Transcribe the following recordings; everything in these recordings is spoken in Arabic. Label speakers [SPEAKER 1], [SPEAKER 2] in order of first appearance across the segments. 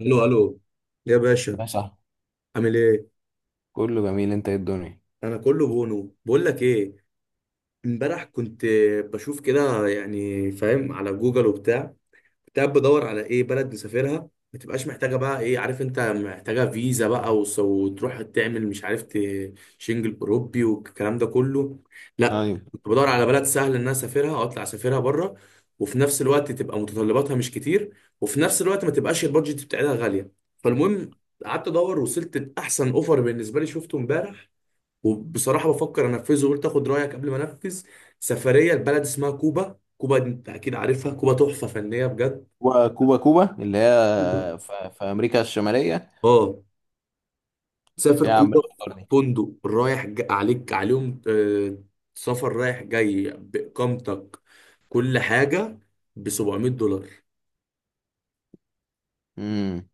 [SPEAKER 1] الو الو يا باشا.
[SPEAKER 2] يا صاحبي،
[SPEAKER 1] عامل ايه؟
[SPEAKER 2] كله جميل. انت ايه الدنيا؟
[SPEAKER 1] انا كله بونو، بقول لك ايه، امبارح كنت بشوف كده يعني فاهم، على جوجل وبتاع، كنت بدور على ايه، بلد نسافرها ما تبقاش محتاجه، بقى ايه، عارف انت محتاجه فيزا بقى، وتروح تعمل مش عارف، شنجل اوروبي والكلام ده كله. لا،
[SPEAKER 2] ايوه.
[SPEAKER 1] كنت بدور على بلد سهل ان انا اسافرها او اطلع اسافرها بره، وفي نفس الوقت تبقى متطلباتها مش كتير، وفي نفس الوقت ما تبقاش البادجت بتاعتها غاليه. فالمهم، قعدت ادور وصلت لاحسن اوفر بالنسبه لي، شفته امبارح، وبصراحه بفكر انفذه وقلت اخد رايك قبل ما انفذ. سفريه لبلد اسمها كوبا. كوبا دي انت اكيد عارفها، كوبا تحفه فنيه بجد.
[SPEAKER 2] كوبا كوبا كوبا اللي
[SPEAKER 1] كوبا،
[SPEAKER 2] هي في امريكا الشماليه.
[SPEAKER 1] اه. تسافر
[SPEAKER 2] يا عم
[SPEAKER 1] كوبا في
[SPEAKER 2] الأخضر دي.
[SPEAKER 1] فندق رايح عليك عليهم، سفر رايح جاي بإقامتك، كل حاجة، ب $700،
[SPEAKER 2] امم،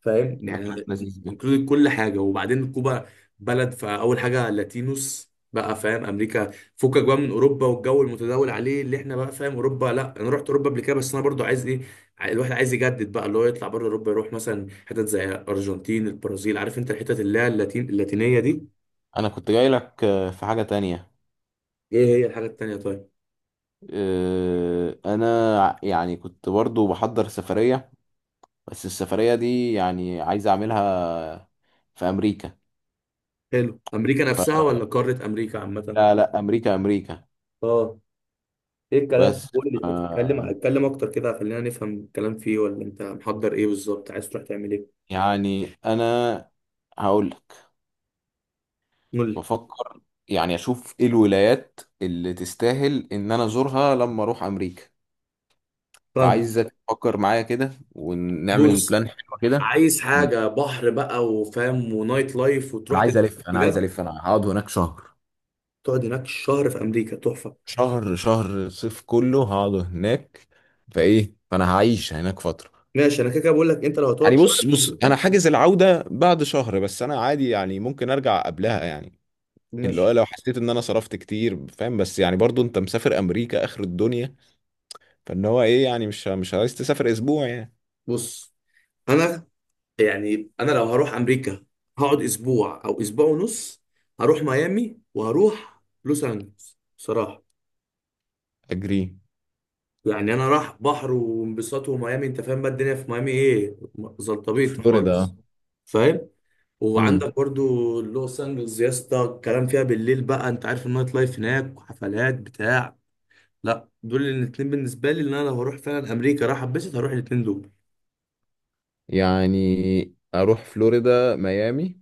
[SPEAKER 1] فاهم
[SPEAKER 2] ده كلام
[SPEAKER 1] يعني.
[SPEAKER 2] لذيذ ده.
[SPEAKER 1] انكلود كل حاجة. وبعدين كوبا بلد، فأول حاجة لاتينوس بقى، فاهم، أمريكا، فكك بقى من أوروبا والجو المتداول عليه اللي احنا بقى فاهم. أوروبا، لا أنا رحت أوروبا قبل كده، بس أنا برضو عايز إيه، الواحد عايز يجدد بقى، اللي هو يطلع بره أوروبا، يروح مثلا حتت زي أرجنتين البرازيل، عارف أنت الحتت اللي هي اللاتين اللاتينية دي.
[SPEAKER 2] انا كنت جاي لك في حاجه تانية.
[SPEAKER 1] ايه هي الحاجة التانية طيب؟
[SPEAKER 2] انا يعني كنت برضو بحضر سفريه، بس السفريه دي يعني عايز اعملها في امريكا.
[SPEAKER 1] حلو، أمريكا نفسها
[SPEAKER 2] فلا،
[SPEAKER 1] ولا قارة أمريكا عامة؟
[SPEAKER 2] لا لا، امريكا امريكا.
[SPEAKER 1] اه. ايه الكلام؟
[SPEAKER 2] بس
[SPEAKER 1] قول لي اتكلم،
[SPEAKER 2] آه،
[SPEAKER 1] اتكلم أكتر كده، خلينا نفهم الكلام فيه ولا أنت محضر ايه بالظبط؟ عايز تروح تعمل ايه؟
[SPEAKER 2] يعني انا هقول،
[SPEAKER 1] قول لي
[SPEAKER 2] بفكر يعني اشوف ايه الولايات اللي تستاهل ان انا ازورها لما اروح امريكا.
[SPEAKER 1] فاهم.
[SPEAKER 2] فعايزك تفكر معايا كده ونعمل
[SPEAKER 1] بص،
[SPEAKER 2] بلان حلو كده.
[SPEAKER 1] عايز حاجة بحر بقى وفاهم ونايت لايف
[SPEAKER 2] انا
[SPEAKER 1] وتروح
[SPEAKER 2] عايز
[SPEAKER 1] تتبسط
[SPEAKER 2] الف انا عايز
[SPEAKER 1] بجد.
[SPEAKER 2] الف انا هقعد هناك شهر.
[SPEAKER 1] تقعد هناك شهر في أمريكا؟ تحفة.
[SPEAKER 2] شهر، شهر الصيف كله هقعد هناك. فايه، فانا هعيش هناك فترة.
[SPEAKER 1] ماشي، أنا كده كده بقول لك أنت لو هتقعد
[SPEAKER 2] يعني
[SPEAKER 1] شهر
[SPEAKER 2] بص
[SPEAKER 1] في
[SPEAKER 2] بص،
[SPEAKER 1] أمريكا،
[SPEAKER 2] انا حاجز العودة بعد شهر، بس انا عادي يعني ممكن ارجع قبلها يعني. اللي
[SPEAKER 1] ماشي.
[SPEAKER 2] هو لو حسيت ان انا صرفت كتير، فاهم. بس يعني برضو انت مسافر امريكا، اخر الدنيا. فان هو ايه يعني؟ مش عايز تسافر اسبوع يعني.
[SPEAKER 1] بص، أنا يعني انا لو هروح امريكا، هقعد اسبوع او اسبوع ونص، هروح ميامي وهروح لوس انجلوس بصراحه.
[SPEAKER 2] اجري.
[SPEAKER 1] يعني انا راح بحر وانبساط وميامي، انت فاهم بقى الدنيا في ميامي ايه، زلطبيطه خالص،
[SPEAKER 2] فلوريدا.
[SPEAKER 1] فاهم.
[SPEAKER 2] امم.
[SPEAKER 1] وعندك برضو لوس انجلوس يا اسطى، الكلام فيها بالليل بقى، انت عارف النايت لايف هناك وحفلات بتاع. لا، دول الاتنين بالنسبه لي، اللي انا لو هروح فعلا امريكا راح اتبسط هروح الاتنين دول.
[SPEAKER 2] يعني اروح فلوريدا ميامي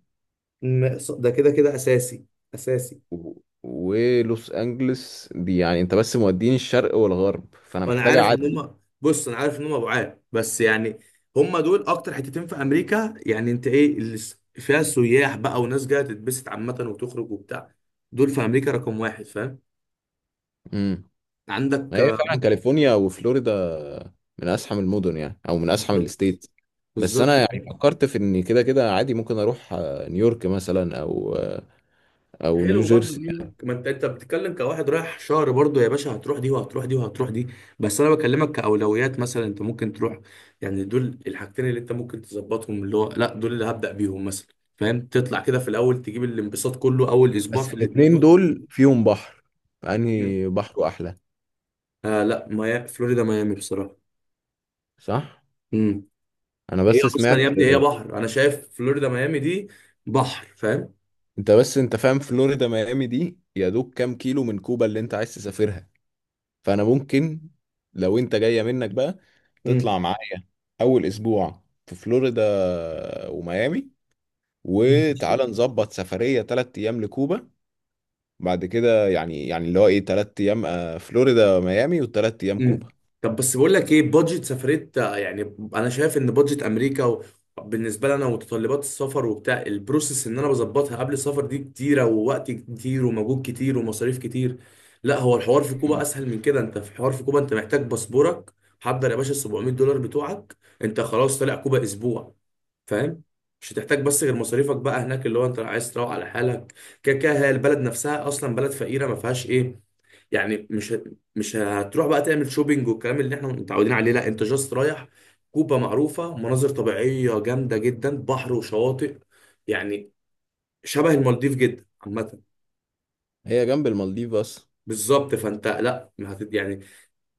[SPEAKER 1] ده كده كده اساسي، اساسي.
[SPEAKER 2] و... ولوس انجلس دي، يعني انت بس موديني الشرق والغرب، فانا
[SPEAKER 1] وانا
[SPEAKER 2] محتاج
[SPEAKER 1] عارف ان
[SPEAKER 2] اعدي.
[SPEAKER 1] هم، بص انا عارف ان هم بعاد، بس يعني هم دول اكتر حتتين في امريكا، يعني انت ايه اللي فيها سياح بقى وناس جايه تتبسط عامه وتخرج وبتاع. دول في امريكا رقم واحد، فاهم.
[SPEAKER 2] امم. ما
[SPEAKER 1] عندك
[SPEAKER 2] هي فعلا كاليفورنيا وفلوريدا من ازحم المدن، يعني او من ازحم
[SPEAKER 1] بالظبط،
[SPEAKER 2] الستيت. بس انا
[SPEAKER 1] بالظبط.
[SPEAKER 2] يعني فكرت في ان كده كده عادي ممكن اروح نيويورك مثلا او
[SPEAKER 1] حلو برضه
[SPEAKER 2] نيوجيرسي
[SPEAKER 1] نيويورك،
[SPEAKER 2] يعني.
[SPEAKER 1] ما انت بتتكلم كواحد رايح شهر، برضه يا باشا، هتروح دي وهتروح دي وهتروح دي. بس انا بكلمك كاولويات، مثلا انت ممكن تروح، يعني دول الحاجتين اللي انت ممكن تظبطهم، اللي هو لا دول اللي هبدأ بيهم مثلا. فاهم، تطلع كده في الاول، تجيب الانبساط كله اول اسبوع
[SPEAKER 2] بس
[SPEAKER 1] في الاتنين
[SPEAKER 2] الاتنين
[SPEAKER 1] دول.
[SPEAKER 2] دول فيهم بحر،
[SPEAKER 1] مم.
[SPEAKER 2] فانهي بحره احلى؟
[SPEAKER 1] آه لا، فلوريدا ميامي بصراحة.
[SPEAKER 2] صح.
[SPEAKER 1] امم.
[SPEAKER 2] انا
[SPEAKER 1] هي
[SPEAKER 2] بس
[SPEAKER 1] اصلا
[SPEAKER 2] سمعت.
[SPEAKER 1] يا ابني هي بحر، انا شايف فلوريدا ميامي دي بحر، فاهم.
[SPEAKER 2] انت بس انت فاهم فلوريدا ميامي دي يا دوب كام كيلو من كوبا اللي انت عايز تسافرها. فانا ممكن، لو انت جاية منك بقى، تطلع معايا اول اسبوع في فلوريدا وميامي،
[SPEAKER 1] مم.
[SPEAKER 2] وتعالى نظبط سفرية تلات ايام لكوبا. بعد كده يعني اللي هو ايه، تلات ايام فلوريدا ميامي وتلات ايام
[SPEAKER 1] امم.
[SPEAKER 2] كوبا.
[SPEAKER 1] طب بس بقول لك ايه، بادجت سفريه، يعني انا شايف ان بادجت امريكا بالنسبه لنا ومتطلبات السفر وبتاع البروسيس ان انا بظبطها قبل السفر دي كتيره، ووقت كتير ومجهود كتير ومصاريف كتير. لا هو الحوار في كوبا اسهل من كده، انت في حوار في كوبا انت محتاج باسبورك، حضر يا باشا ال $700 بتوعك، انت خلاص طالع كوبا اسبوع، فاهم. مش هتحتاج بس غير مصاريفك بقى هناك، اللي هو انت عايز تروح على حالك، كده كده هي البلد نفسها اصلا بلد فقيره ما فيهاش ايه. يعني مش هتروح بقى تعمل شوبينج والكلام اللي احنا متعودين عليه، لا انت جاست رايح. كوبا معروفة مناظر طبيعية جامدة جدا، بحر وشواطئ، يعني شبه المالديف جدا عامة.
[SPEAKER 2] هي جنب المالديف بس.
[SPEAKER 1] بالظبط فانت لا، ما هت- يعني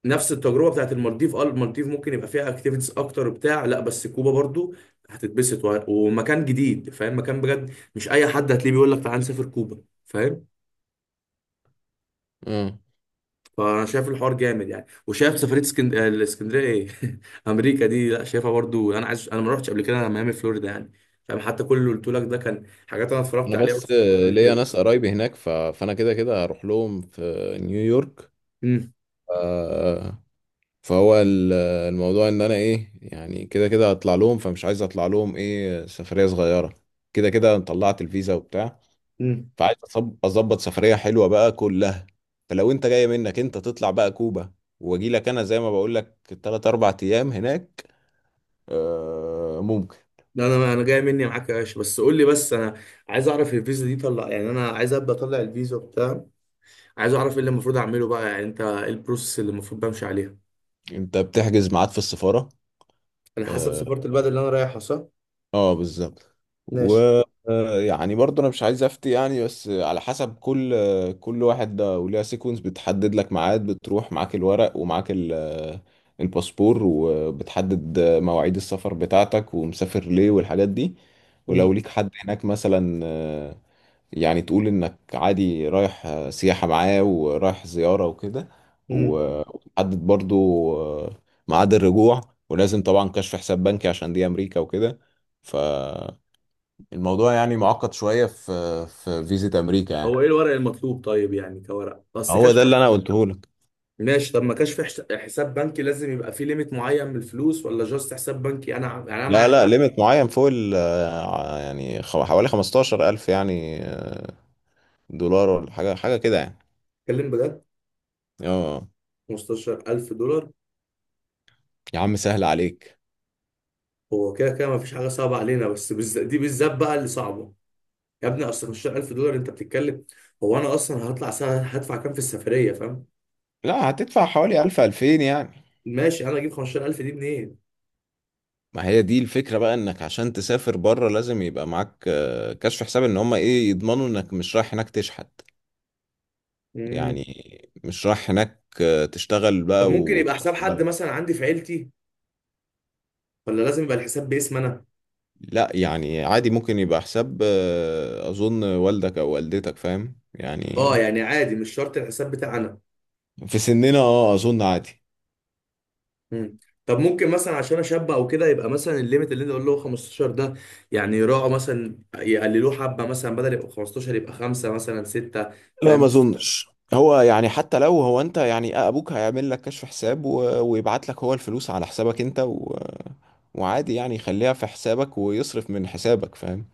[SPEAKER 1] نفس التجربة بتاعت المالديف. اه المالديف ممكن يبقى فيها اكتيفيتيز اكتر بتاع، لا بس كوبا برضو هتتبسط ومكان جديد، فاهم، مكان بجد مش اي حد هتلاقيه بيقول لك تعال نسافر كوبا، فاهم.
[SPEAKER 2] اه.
[SPEAKER 1] فانا شايف الحوار جامد يعني، وشايف سفريه اسكند... آه، الاسكندريه ايه امريكا دي لا شايفها برضو، انا عايز، انا ما رحتش قبل كده انا ميامي فلوريدا يعني، فاهم. حتى كل اللي قلت لك ده كان حاجات انا اتفرجت
[SPEAKER 2] انا
[SPEAKER 1] عليها
[SPEAKER 2] بس
[SPEAKER 1] وسمعتها قبل
[SPEAKER 2] ليا
[SPEAKER 1] كده.
[SPEAKER 2] ناس قرايبي هناك فانا كده كده هروح لهم في نيويورك.
[SPEAKER 1] امم.
[SPEAKER 2] آه، فهو الموضوع ان انا ايه، يعني كده كده هطلع لهم، فمش عايز اطلع لهم ايه سفرية صغيرة. كده كده أنا طلعت الفيزا وبتاع.
[SPEAKER 1] امم.
[SPEAKER 2] فعايز اظبط سفرية حلوة بقى كلها. فلو انت جاي منك انت تطلع بقى كوبا، واجي لك انا زي ما بقول لك 3 4 ايام هناك. آه ممكن.
[SPEAKER 1] لا انا جاي مني معاك يا باشا، بس قول لي، بس انا عايز اعرف الفيزا دي، طلع يعني انا عايز ابدا اطلع الفيزا بتاع، عايز اعرف ايه اللي المفروض اعمله بقى، يعني انت ايه البروسيس اللي المفروض بمشي عليها.
[SPEAKER 2] انت بتحجز ميعاد في السفارة.
[SPEAKER 1] انا حسب
[SPEAKER 2] آه،
[SPEAKER 1] سفاره البلد اللي انا رايحها، صح؟
[SPEAKER 2] اه بالظبط. و
[SPEAKER 1] ماشي.
[SPEAKER 2] يعني برضه انا مش عايز افتي يعني، بس على حسب كل كل واحد. ده وليها سيكونس، بتحدد لك ميعاد، بتروح معاك الورق ومعاك الباسبور، وبتحدد مواعيد السفر بتاعتك ومسافر ليه والحاجات دي. ولو
[SPEAKER 1] امم.
[SPEAKER 2] ليك حد هناك مثلا يعني تقول انك عادي رايح سياحة معاه ورايح زيارة وكده.
[SPEAKER 1] امم.
[SPEAKER 2] وتحدد برضو آه، ميعاد الرجوع. ولازم طبعا كشف حساب بنكي عشان دي امريكا وكده. فالموضوع يعني معقد شوية في فيزا امريكا
[SPEAKER 1] هو
[SPEAKER 2] يعني.
[SPEAKER 1] ايه الورق المطلوب طيب، يعني كورق اصل
[SPEAKER 2] هو
[SPEAKER 1] كشف.
[SPEAKER 2] ده اللي انا قلته لك.
[SPEAKER 1] ماشي. طب ما كانش في حساب بنكي لازم يبقى فيه ليميت معين من الفلوس ولا جاست حساب بنكي، انا يعني انا
[SPEAKER 2] لا
[SPEAKER 1] معايا.
[SPEAKER 2] لا، ليميت معين فوق ال آه، يعني حوالي 15,000 يعني، دولار ولا حاجة، حاجة كده يعني.
[SPEAKER 1] اتكلم بجد.
[SPEAKER 2] اه.
[SPEAKER 1] $15,000؟
[SPEAKER 2] يا عم سهل عليك.
[SPEAKER 1] هو كده كده ما فيش حاجه صعبه علينا، بس بالذات دي، بالذات بقى اللي صعبه. يا ابني اصل $15,000 انت بتتكلم، هو انا اصلا هطلع سنه هدفع كام في السفريه، فاهم.
[SPEAKER 2] لا، هتدفع حوالي 1000 2000 يعني.
[SPEAKER 1] ماشي، انا اجيب 15,000 دي منين؟
[SPEAKER 2] ما هي دي الفكرة بقى، انك عشان تسافر بره لازم يبقى معاك كشف حساب، ان هم ايه، يضمنوا انك مش رايح هناك تشحت
[SPEAKER 1] مم.
[SPEAKER 2] يعني، مش رايح هناك تشتغل
[SPEAKER 1] طب
[SPEAKER 2] بقى
[SPEAKER 1] ممكن يبقى
[SPEAKER 2] وتقعد
[SPEAKER 1] حساب
[SPEAKER 2] في
[SPEAKER 1] حد
[SPEAKER 2] البلد.
[SPEAKER 1] مثلا عندي في عيلتي، ولا لازم يبقى الحساب باسم انا؟
[SPEAKER 2] لا يعني عادي، ممكن يبقى حساب اظن والدك او والدتك، فاهم يعني.
[SPEAKER 1] اه يعني عادي مش شرط الحساب بتاعي انا.
[SPEAKER 2] في سننا اه اظن عادي.
[SPEAKER 1] مم. طب ممكن مثلا عشان اشبع او كده يبقى مثلا الليميت اللي انت قلت له 15 ده، يعني يراعوا مثلا يقللوه حبه، مثلا بدل يبقى 15 يبقى خمسه مثلا سته،
[SPEAKER 2] لا،
[SPEAKER 1] فاهم.
[SPEAKER 2] ما اظنش. هو يعني حتى لو هو انت يعني ابوك هيعمل لك كشف حساب ويبعت لك هو الفلوس على حسابك انت وعادي يعني يخليها في حسابك ويصرف من حسابك، فاهم.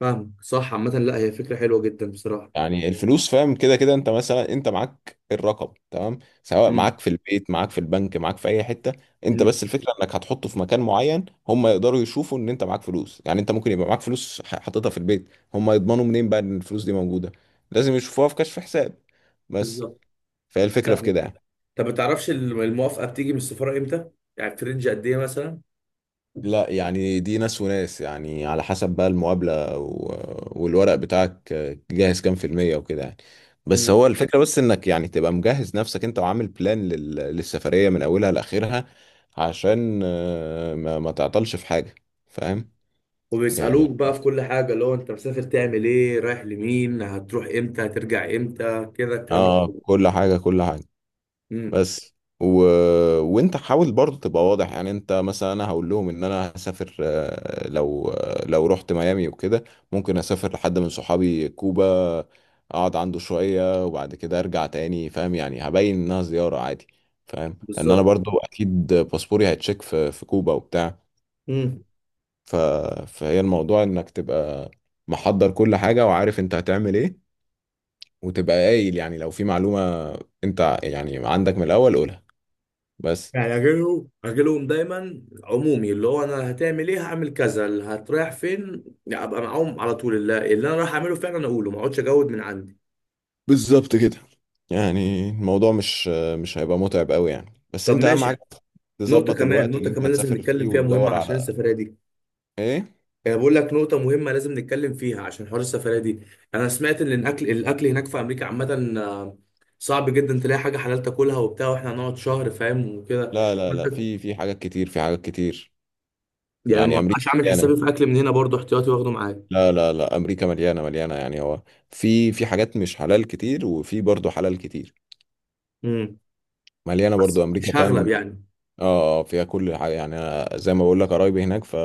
[SPEAKER 1] فاهم، صح، عامه لا هي فكره حلوه جدا بصراحه.
[SPEAKER 2] يعني الفلوس، فاهم. كده كده انت مثلا، انت معاك الرقم تمام، سواء
[SPEAKER 1] امم.
[SPEAKER 2] معاك في البيت، معاك في البنك، معاك في اي حته. انت
[SPEAKER 1] امم.
[SPEAKER 2] بس الفكره انك هتحطه في مكان معين، هم يقدروا يشوفوا ان انت معاك فلوس. يعني انت ممكن يبقى معاك فلوس حاططها في البيت، هم يضمنوا منين بقى ان الفلوس دي موجوده؟ لازم يشوفوها في كشف حساب بس.
[SPEAKER 1] بالظبط.
[SPEAKER 2] فهي الفكره في
[SPEAKER 1] لا.
[SPEAKER 2] كده يعني.
[SPEAKER 1] طب ما تعرفش الموافقه بتيجي من السفاره امتى؟ يعني في رينج قد ايه مثلا؟
[SPEAKER 2] لا يعني، دي ناس وناس يعني، على حسب بقى المقابلة والورق بتاعك جاهز كام في المية وكده يعني. بس
[SPEAKER 1] امم.
[SPEAKER 2] هو الفكرة بس انك يعني تبقى مجهز نفسك، انت وعامل بلان للسفرية من اولها لاخرها، عشان ما تعطلش في حاجة، فاهم
[SPEAKER 1] وبيسالوك
[SPEAKER 2] يعني.
[SPEAKER 1] بقى في كل حاجه، اللي هو انت مسافر تعمل ايه؟ رايح لمين؟ هتروح امتى؟ هترجع امتى؟ كده الكلام ده.
[SPEAKER 2] اه، كل حاجة، كل حاجة.
[SPEAKER 1] امم.
[SPEAKER 2] بس وانت حاول برضه تبقى واضح، يعني انت مثلا انا هقول لهم ان انا هسافر لو لو رحت ميامي وكده ممكن اسافر لحد من صحابي كوبا، اقعد عنده شوية وبعد كده ارجع تاني، فاهم يعني. هبين انها زيارة عادي. فاهم، لان انا
[SPEAKER 1] بالظبط.
[SPEAKER 2] برضه اكيد باسبوري هيتشيك في كوبا وبتاع. ف... فهي الموضوع انك تبقى محضر كل حاجة وعارف انت هتعمل ايه، وتبقى قايل يعني لو في معلومة انت يعني عندك من الاول قولها بس.
[SPEAKER 1] يعني اجيلهم، اجيلهم دايما عمومي، اللي هو انا هتعمل ايه هعمل كذا، اللي هتريح فين، يعني ابقى معاهم على طول اللي انا رايح اعمله فعلا اقوله، ما اقعدش اجود من عندي.
[SPEAKER 2] بالظبط كده. يعني الموضوع مش هيبقى متعب قوي يعني، بس
[SPEAKER 1] طب
[SPEAKER 2] انت اهم حاجه
[SPEAKER 1] ماشي. نقطة
[SPEAKER 2] تظبط
[SPEAKER 1] كمان،
[SPEAKER 2] الوقت
[SPEAKER 1] نقطة
[SPEAKER 2] اللي انت
[SPEAKER 1] كمان لازم
[SPEAKER 2] هتسافر فيه
[SPEAKER 1] نتكلم فيها مهمة
[SPEAKER 2] وتدور
[SPEAKER 1] عشان
[SPEAKER 2] على
[SPEAKER 1] السفرية دي،
[SPEAKER 2] ايه.
[SPEAKER 1] يعني بقول لك نقطة مهمة لازم نتكلم فيها عشان حوار السفرية دي. انا سمعت ان الاكل، الاكل هناك في امريكا عامة، صعب جدا تلاقي حاجة حلال تاكلها وبتاع، واحنا هنقعد شهر فاهم وكده.
[SPEAKER 2] لا لا
[SPEAKER 1] فانت
[SPEAKER 2] لا، في حاجات كتير، في حاجات كتير
[SPEAKER 1] يعني ما
[SPEAKER 2] يعني. امريكا
[SPEAKER 1] بقاش عامل
[SPEAKER 2] مليانه.
[SPEAKER 1] حسابي في اكل من هنا برضو احتياطي واخده معايا.
[SPEAKER 2] لا لا لا، امريكا مليانه يعني، هو في حاجات مش حلال كتير وفي برضه حلال كتير.
[SPEAKER 1] امم.
[SPEAKER 2] مليانه
[SPEAKER 1] بس
[SPEAKER 2] برضه امريكا،
[SPEAKER 1] مش هغلب
[SPEAKER 2] فاهم.
[SPEAKER 1] يعني.
[SPEAKER 2] اه اه، فيها كل حاجه يعني. انا زي ما بقول لك قرايبي هناك ف،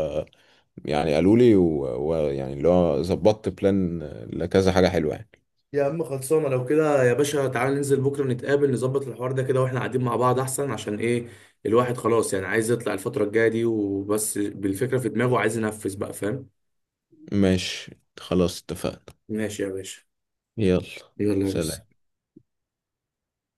[SPEAKER 2] يعني قالوا لي ويعني اللي هو ظبطت بلان لكذا حاجه حلوه يعني.
[SPEAKER 1] يا عم خلصانه، لو كده يا باشا تعالى ننزل بكره نتقابل نظبط الحوار ده كده واحنا قاعدين مع بعض احسن، عشان ايه، الواحد خلاص يعني عايز يطلع الفتره الجايه دي، وبس بالفكره في دماغه عايز ينفذ بقى، فاهم.
[SPEAKER 2] ماشي. خلاص اتفقنا.
[SPEAKER 1] ماشي يا باشا.
[SPEAKER 2] يلا.
[SPEAKER 1] يلا يا باشا.
[SPEAKER 2] سلام.